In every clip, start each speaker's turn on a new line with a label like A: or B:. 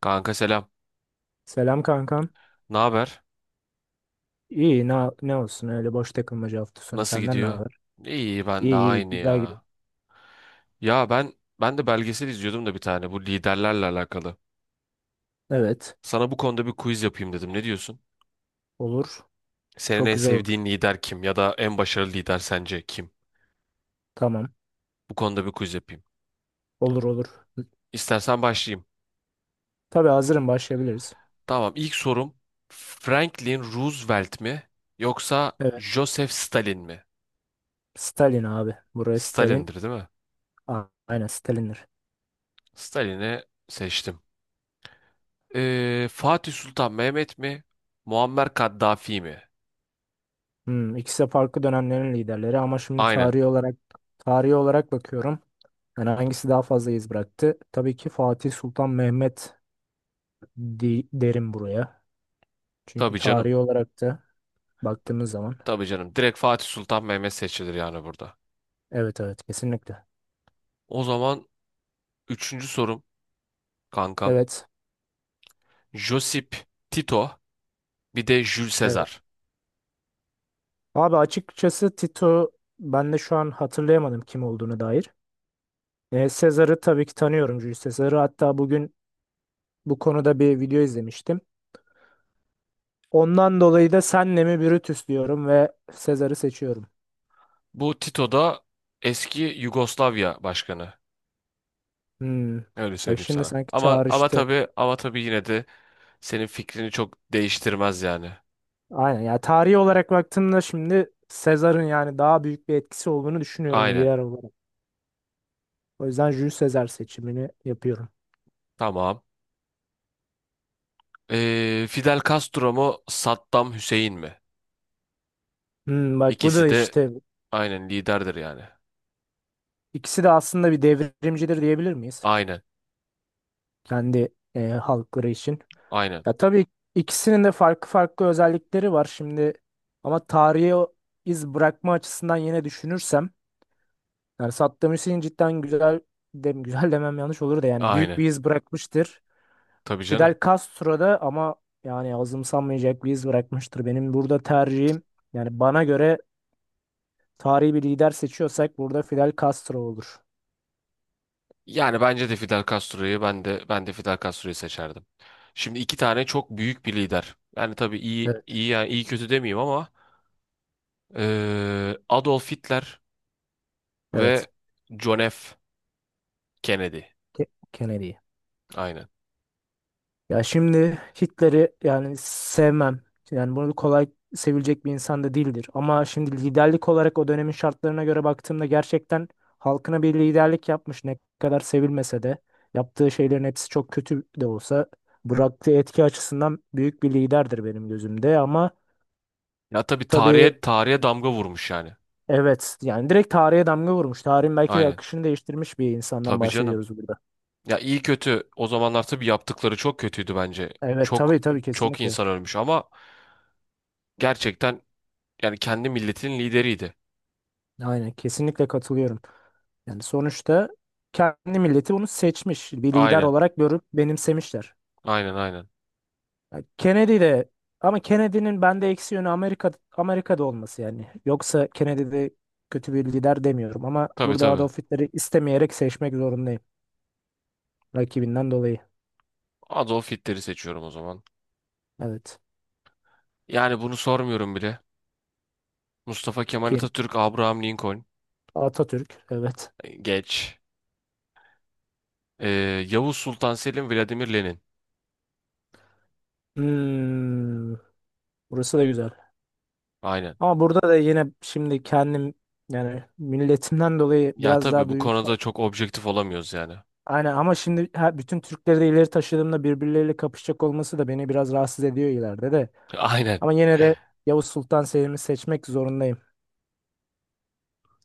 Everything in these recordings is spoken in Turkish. A: Kanka selam.
B: Selam kankam.
A: Ne haber?
B: İyi ne olsun öyle boş takılmaca hafta sonu
A: Nasıl
B: senden ne
A: gidiyor?
B: haber?
A: İyi ben de
B: İyi iyi
A: aynı
B: güzel gidiyor.
A: ya. Ya ben de belgesel izliyordum da bir tane bu liderlerle alakalı.
B: Evet,
A: Sana bu konuda bir quiz yapayım dedim. Ne diyorsun?
B: olur.
A: Senin
B: Çok
A: en
B: güzel olur.
A: sevdiğin lider kim ya da en başarılı lider sence kim?
B: Tamam.
A: Bu konuda bir quiz yapayım.
B: Olur olur.
A: İstersen başlayayım.
B: Tabii hazırım, başlayabiliriz.
A: Tamam, ilk sorum Franklin Roosevelt mi yoksa
B: Evet.
A: Joseph Stalin mi?
B: Stalin abi. Buraya Stalin.
A: Stalin'dir değil mi?
B: Aynen Stalin'dir.
A: Stalin'i seçtim. Fatih Sultan Mehmet mi? Muammer Kaddafi mi?
B: İkisi de farklı dönemlerin liderleri ama şimdi
A: Aynen.
B: tarihi olarak bakıyorum. Yani hangisi daha fazla iz bıraktı? Tabii ki Fatih Sultan Mehmet derim buraya. Çünkü
A: Tabii canım.
B: tarihi olarak da
A: Ta-
B: baktığımız zaman.
A: Tabii canım. Direkt Fatih Sultan Mehmet seçilir yani burada.
B: Evet evet, kesinlikle.
A: O zaman üçüncü sorum kankam.
B: Evet.
A: Josip Tito bir de Jules
B: Evet.
A: Caesar.
B: Abi açıkçası Tito, ben de şu an hatırlayamadım kim olduğunu dair. Sezar'ı tabii ki tanıyorum, Julius Sezar'ı. Hatta bugün bu konuda bir video izlemiştim. Ondan dolayı da senle mi Brutus diyorum ve Sezar'ı seçiyorum.
A: Bu Tito da eski Yugoslavya başkanı.
B: Hmm.
A: Öyle
B: Bak
A: söyleyeyim
B: şimdi
A: sana.
B: sanki
A: Ama
B: çağrıştı.
A: tabii yine de senin fikrini çok değiştirmez yani.
B: Aynen ya, tarihi olarak baktığımda şimdi Sezar'ın yani daha büyük bir etkisi olduğunu düşünüyorum
A: Aynen.
B: lider olarak. O yüzden Julius Sezar seçimini yapıyorum.
A: Tamam. Fidel Castro mu Saddam Hüseyin mi?
B: Bak bu
A: İkisi
B: da
A: de
B: işte,
A: aynen liderdir yani.
B: ikisi de aslında bir devrimcidir diyebilir miyiz?
A: Aynen.
B: Kendi halkları için.
A: Aynen.
B: Ya tabii, ikisinin de farklı farklı özellikleri var şimdi ama tarihe o iz bırakma açısından yine düşünürsem yani Saddam Hüseyin cidden güzel demem yanlış olur da, yani büyük
A: Aynen.
B: bir iz bırakmıştır.
A: Tabii canım.
B: Fidel Castro da ama yani azımsanmayacak bir iz bırakmıştır. Benim burada tercihim, yani bana göre tarihi bir lider seçiyorsak burada Fidel Castro olur.
A: Yani bence de Fidel Castro'yu ben de Fidel Castro'yu seçerdim. Şimdi iki tane çok büyük bir lider. Yani tabii iyi
B: Evet.
A: iyi yani iyi kötü demeyeyim ama Adolf Hitler
B: Evet.
A: ve John F. Kennedy.
B: Ke- Kennedy.
A: Aynen.
B: Ya şimdi Hitler'i yani sevmem. Yani bunu kolay sevilecek bir insan da değildir. Ama şimdi liderlik olarak o dönemin şartlarına göre baktığımda gerçekten halkına bir liderlik yapmış, ne kadar sevilmese de. Yaptığı şeylerin hepsi çok kötü de olsa bıraktığı etki açısından büyük bir liderdir benim gözümde. Ama
A: Ya tabii
B: tabii,
A: tarihe damga vurmuş yani.
B: evet yani direkt tarihe damga vurmuş. Tarihin belki de
A: Aynen.
B: akışını değiştirmiş bir insandan
A: Tabii canım.
B: bahsediyoruz burada.
A: Ya iyi kötü o zamanlar tabii yaptıkları çok kötüydü bence.
B: Evet
A: Çok
B: tabii tabii,
A: çok
B: kesinlikle.
A: insan ölmüş ama gerçekten yani kendi milletinin lideriydi.
B: Aynen, kesinlikle katılıyorum. Yani sonuçta kendi milleti bunu seçmiş. Bir lider
A: Aynen.
B: olarak görüp benimsemişler.
A: Aynen aynen.
B: Yani Kennedy de, ama Kennedy'nin bende eksi yönü Amerika'da olması yani. Yoksa Kennedy de kötü bir lider demiyorum ama
A: Tabii
B: burada
A: tabii.
B: Adolf Hitler'i istemeyerek seçmek zorundayım. Rakibinden dolayı.
A: Adolf Hitler'i seçiyorum o zaman.
B: Evet.
A: Yani bunu sormuyorum bile. Mustafa Kemal
B: Kim?
A: Atatürk, Abraham Lincoln.
B: Atatürk. Evet.
A: Geç. Ee, Yavuz Sultan Selim, Vladimir Lenin.
B: Hmm, Burası da güzel.
A: Aynen.
B: Ama burada da yine şimdi kendim, yani milletimden dolayı
A: Ya
B: biraz
A: tabii
B: daha
A: bu
B: duygusal.
A: konuda çok objektif olamıyoruz yani.
B: Aynen, ama şimdi bütün Türkleri de ileri taşıdığımda birbirleriyle kapışacak olması da beni biraz rahatsız ediyor ileride de.
A: Aynen.
B: Ama yine de Yavuz Sultan Selim'i seçmek zorundayım.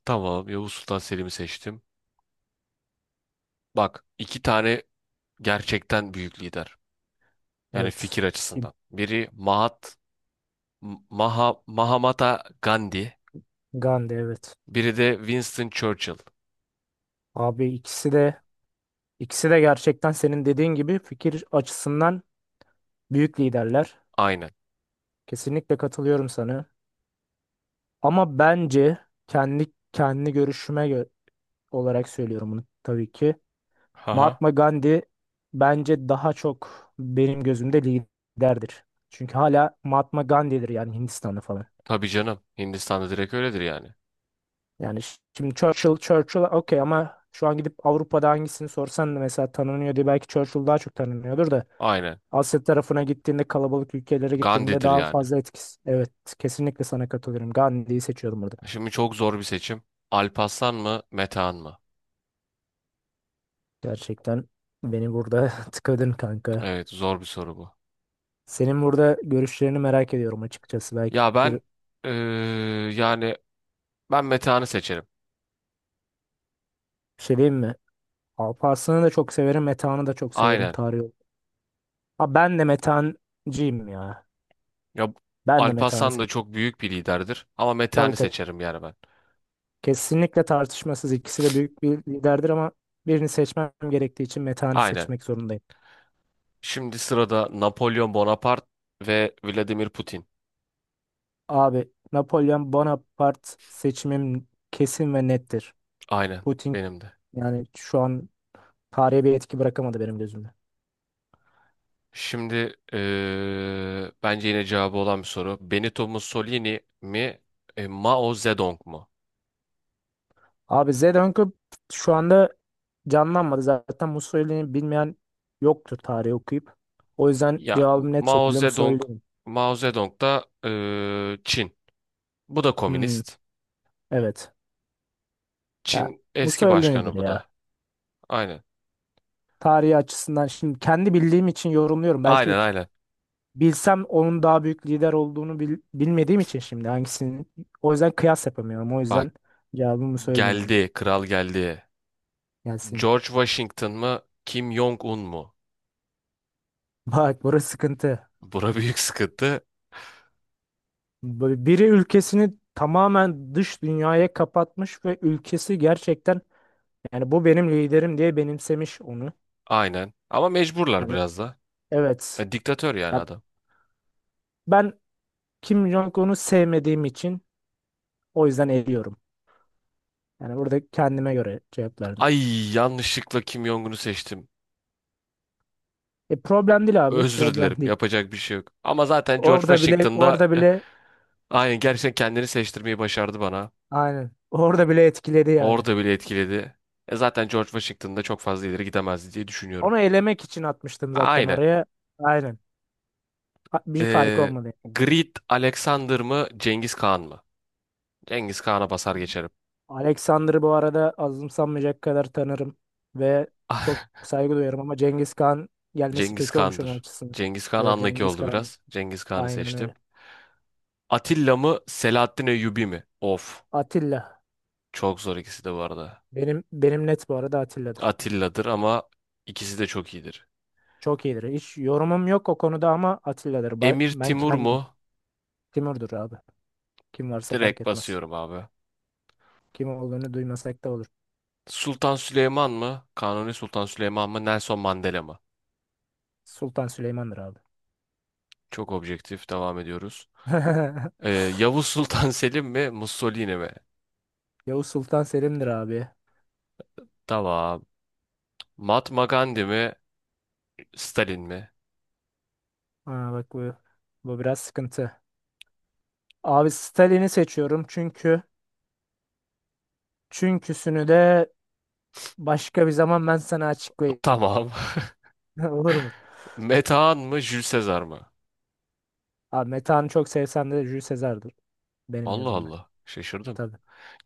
A: Tamam, Yavuz Sultan Selim'i seçtim. Bak, iki tane gerçekten büyük lider. Yani
B: Evet.
A: fikir
B: Kim?
A: açısından. Biri Mahatma Gandhi.
B: Gandhi, evet.
A: Biri de Winston Churchill.
B: Abi ikisi de gerçekten senin dediğin gibi fikir açısından büyük liderler.
A: Aynen.
B: Kesinlikle katılıyorum sana. Ama bence kendi görüşüme olarak söylüyorum bunu tabii ki.
A: Haha.
B: Mahatma Gandhi bence daha çok benim gözümde liderdir. Çünkü hala Mahatma Gandhi'dir yani, Hindistan'ı falan.
A: Tabii canım. Hindistan'da direkt öyledir yani.
B: Yani şimdi Churchill okey, ama şu an gidip Avrupa'da hangisini sorsan da mesela tanınıyor diye belki Churchill daha çok tanınıyordur da
A: Aynen.
B: Asya tarafına gittiğinde, kalabalık ülkelere gittiğinde
A: Gandhi'dir
B: daha
A: yani.
B: fazla etkisi. Evet, kesinlikle sana katılıyorum. Gandhi'yi seçiyorum burada.
A: Şimdi çok zor bir seçim. Alparslan mı, Metehan mı?
B: Gerçekten beni burada tıkadın kanka.
A: Evet, zor bir soru bu.
B: Senin burada görüşlerini merak ediyorum açıkçası. Belki
A: Ya
B: fikir bir
A: ben eee, yani ben Metehan'ı seçerim.
B: şey diyeyim mi? Alparslan'ı da çok severim. Metehan'ı da çok severim
A: Aynen.
B: tarih olarak. Ha, ben de Metehan'cıyım ya.
A: Ya
B: Ben de Metehan'ı
A: Alparslan da
B: seçiyorum.
A: çok büyük bir liderdir ama Metehan'ı
B: Tabii tabii.
A: seçerim yani ben.
B: Kesinlikle tartışmasız. İkisi de büyük bir liderdir ama birini seçmem gerektiği için Metehan'ı
A: Aynen.
B: seçmek zorundayım.
A: Şimdi sırada Napolyon Bonaparte ve Vladimir Putin.
B: Abi Napolyon Bonaparte seçimim kesin ve nettir.
A: Aynen
B: Putin
A: benim de.
B: yani şu an tarihe bir etki bırakamadı benim gözümde.
A: Şimdi bence yine cevabı olan bir soru. Benito Mussolini mi, Mao Zedong mu?
B: Abi Zelenko şu anda canlanmadı. Zaten Mussolini'yi bilmeyen yoktur tarihi okuyup. O yüzden
A: Ya
B: cevabım net
A: Mao
B: şekilde
A: Zedong,
B: Mussolini.
A: Mao Zedong da Çin. Bu da
B: Hmm,
A: komünist.
B: evet. Ya,
A: Çin
B: Musa
A: eski
B: öyledir
A: başkanı bu
B: ya.
A: da. Aynen.
B: Tarihi açısından şimdi kendi bildiğim için yorumluyorum. Belki
A: Aynen aynen.
B: bilsem onun daha büyük lider olduğunu, bilmediğim için şimdi hangisini. O yüzden kıyas yapamıyorum. O
A: Bak
B: yüzden cevabımı söyleyin oldu.
A: geldi, kral geldi.
B: Gelsin.
A: George Washington mı, Kim Jong-un mu?
B: Bak burası sıkıntı.
A: Bura büyük sıkıntı.
B: Böyle biri ülkesini tamamen dış dünyaya kapatmış ve ülkesi gerçekten yani bu benim liderim diye benimsemiş onu.
A: Aynen. Ama mecburlar
B: Hani,
A: biraz da.
B: evet.
A: E, diktatör yani
B: Ya
A: adam.
B: ben Kim Jong-un'u sevmediğim için o yüzden eliyorum. Yani burada kendime göre cevap.
A: Ay yanlışlıkla Kim Jong-un'u seçtim.
B: E, problem değil abi,
A: Özür
B: problem
A: dilerim.
B: değil.
A: Yapacak bir şey yok. Ama zaten George
B: Orada bile,
A: Washington da
B: orada
A: eh,
B: bile
A: aynen gerçekten kendini seçtirmeyi başardı bana.
B: aynen. Orada bile etkiledi yani.
A: Orada bile etkiledi. E zaten George Washington'da çok fazla ileri gidemezdi diye düşünüyorum.
B: Onu elemek için atmıştım zaten
A: Aynen.
B: oraya. Aynen. Bir fark
A: Ee,
B: olmadı.
A: Grit Alexander mı Cengiz Khan mı? Cengiz Khan'a basar geçerim.
B: Alexander'ı bu arada azımsanmayacak kadar tanırım ve çok saygı duyarım, ama Cengiz Khan gelmesi
A: Cengiz
B: kötü olmuş onun
A: Khan'dır.
B: açısından.
A: Cengiz Kağan
B: Evet,
A: andaki
B: Cengiz
A: oldu
B: Khan,
A: biraz. Cengiz Khan'ı
B: aynen
A: seçtim.
B: öyle.
A: Atilla mı Selahattin Eyyubi mi? Of.
B: Atilla,
A: Çok zor ikisi de bu arada.
B: benim net bu arada, Atilla'dır.
A: Atilla'dır ama ikisi de çok iyidir.
B: Çok iyidir. Hiç yorumum yok o konuda ama Atilla'dır. Ba-
A: Emir
B: Ben
A: Timur mu?
B: kendim. Timur'dur abi. Kim varsa fark
A: Direkt
B: etmez.
A: basıyorum abi.
B: Kim olduğunu duymasak da olur.
A: Sultan Süleyman mı? Kanuni Sultan Süleyman mı? Nelson Mandela mı?
B: Sultan Süleyman'dır abi.
A: Çok objektif. Devam ediyoruz. Yavuz Sultan Selim mi? Mussolini mi?
B: Yavuz Sultan Selim'dir abi.
A: Tamam. Mahatma Gandhi mi? Stalin mi?
B: Ha, bak bu biraz sıkıntı. Abi Stalin'i seçiyorum çünkü, çünküsünü de başka bir zaman ben sana açıklayayım.
A: Tamam.
B: Olur mu?
A: Metehan mı? Jules Caesar mı?
B: Abi Metehan'ı çok sevsem de Jules Caesar'dır benim
A: Allah
B: gözümde.
A: Allah. Şaşırdım.
B: Tabii.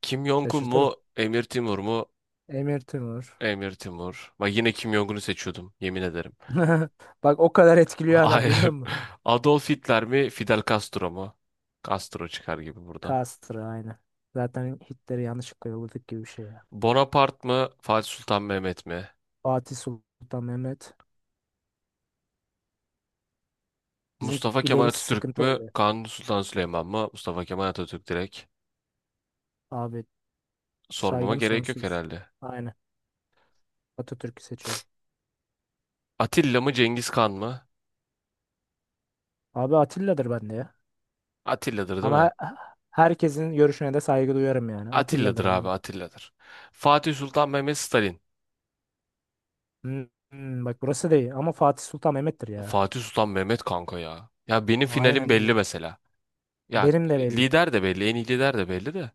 A: Kim Jong-un
B: Şaşırtırım.
A: mu? Emir Timur mu?
B: Emir Timur.
A: Emir Timur. Bak yine Kim Jong-un'u seçiyordum. Yemin ederim.
B: Bak o kadar etkiliyor adam,
A: Hayır.
B: görüyor musun?
A: Adolf Hitler mi? Fidel Castro mu? Castro çıkar gibi buradan.
B: Castro aynı. Zaten Hitler'i yanlışlıkla yolladık gibi bir şey ya.
A: Bonaparte mı? Fatih Sultan Mehmet mi?
B: Fatih Sultan Mehmet. Bizim
A: Mustafa Kemal
B: ileri
A: Atatürk
B: sıkıntı
A: mü?
B: oldu.
A: Kanuni Sultan Süleyman mı? Mustafa Kemal Atatürk direkt.
B: Abi
A: Sormama
B: saygım
A: gerek yok
B: sonsuz.
A: herhalde.
B: Aynen. Atatürk'ü seçiyorum.
A: Atilla mı Cengiz Kan mı?
B: Abi Atilla'dır bende ya.
A: Atilla'dır değil mi?
B: Ama herkesin görüşüne de saygı duyarım yani. Atilla'dır
A: Atilla'dır abi
B: ama.
A: Atilla'dır. Fatih Sultan Mehmet Stalin.
B: Hmm, Bak burası değil ama Fatih Sultan Mehmet'tir ya.
A: Fatih Sultan Mehmet kanka ya. Ya benim finalim
B: Aynen
A: belli
B: öyle.
A: mesela. Ya
B: Benim de belli.
A: lider de belli, en iyi lider de belli de.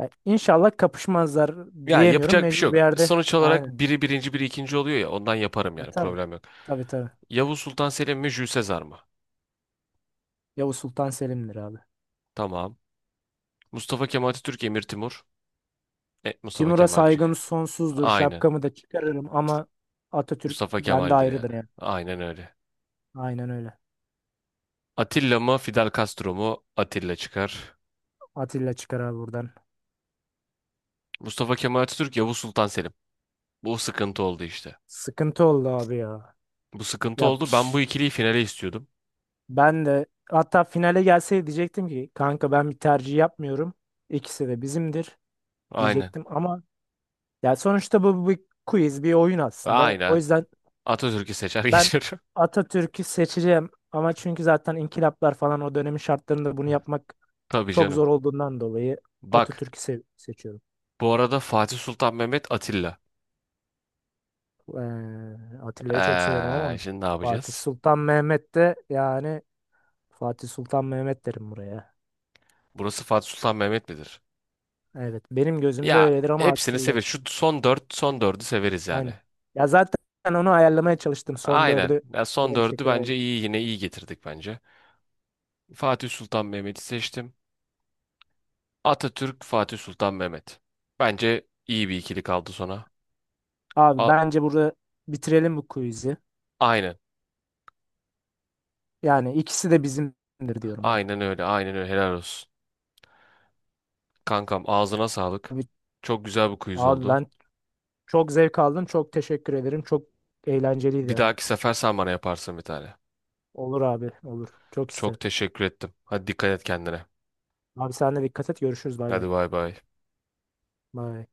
B: Ya, İnşallah kapışmazlar
A: Ya
B: diyemiyorum.
A: yapacak bir şey
B: Mecbur bir
A: yok.
B: yerde.
A: Sonuç olarak
B: Aynen.
A: biri birinci, biri ikinci oluyor ya. Ondan yaparım
B: E,
A: yani
B: tabii.
A: problem yok.
B: Tabii tabii.
A: Yavuz Sultan Selim mi Jules Sezar mı?
B: Yavuz Sultan Selim'dir abi.
A: Tamam. Mustafa Kemal Atatürk, Emir Timur. Net Mustafa
B: Timur'a
A: Kemalcik.
B: saygım sonsuzdur.
A: Aynen.
B: Şapkamı da çıkarırım ama Atatürk
A: Mustafa
B: bende
A: Kemal'dir yani.
B: ayrıdır yani.
A: Aynen öyle.
B: Aynen öyle.
A: Atilla mı Fidel Castro mu? Atilla çıkar.
B: Atilla çıkar abi buradan.
A: Mustafa Kemal Atatürk, Yavuz Sultan Selim. Bu sıkıntı oldu işte.
B: Sıkıntı oldu abi ya.
A: Bu sıkıntı
B: Ya
A: oldu. Ben bu ikiliyi finale istiyordum.
B: ben de hatta finale gelseydi diyecektim ki kanka, ben bir tercih yapmıyorum. İkisi de bizimdir
A: Aynen.
B: diyecektim ama ya sonuçta bu bir quiz, bir oyun aslında. O
A: Aynen.
B: yüzden
A: Atatürk'ü seçer
B: ben
A: geçiyorum.
B: Atatürk'ü seçeceğim ama, çünkü zaten inkılaplar falan o dönemin şartlarında bunu yapmak
A: Tabii
B: çok
A: canım.
B: zor olduğundan dolayı
A: Bak.
B: Atatürk'ü seçiyorum.
A: Bu arada Fatih Sultan Mehmet Atilla.
B: Eee, Atilla'yı çok severim ama
A: Şimdi ne
B: Fatih
A: yapacağız?
B: Sultan Mehmet de yani, Fatih Sultan Mehmet derim buraya.
A: Burası Fatih Sultan Mehmet midir?
B: Evet benim gözümde
A: Ya
B: öyledir ama
A: hepsini
B: Atilla
A: severiz. Şu son dört, son dördü severiz yani.
B: aynı. Ya zaten onu ayarlamaya çalıştım, son
A: Aynen.
B: dördü.
A: Ya son
B: Böyle bir
A: dördü
B: şekilde.
A: bence
B: ayarladım.
A: iyi yine iyi getirdik bence. Fatih Sultan Mehmet'i seçtim. Atatürk, Fatih Sultan Mehmet. Bence iyi bir ikili kaldı sona.
B: Abi
A: A-
B: bence burada bitirelim bu quiz'i.
A: aynen.
B: Yani ikisi de bizimdir diyorum ben.
A: Aynen öyle. Aynen öyle. Helal olsun. Kankam ağzına sağlık.
B: Abi,
A: Çok güzel bir quiz
B: abi,
A: oldu.
B: ben çok zevk aldım. Çok teşekkür ederim. Çok eğlenceliydi
A: Bir
B: yani.
A: dahaki sefer sen bana yaparsın bir tane.
B: Olur abi, olur. Çok isterim.
A: Çok teşekkür ettim. Hadi dikkat et kendine.
B: Abi sen de dikkat et. Görüşürüz. Bay bay.
A: Hadi bay bay.
B: Bay.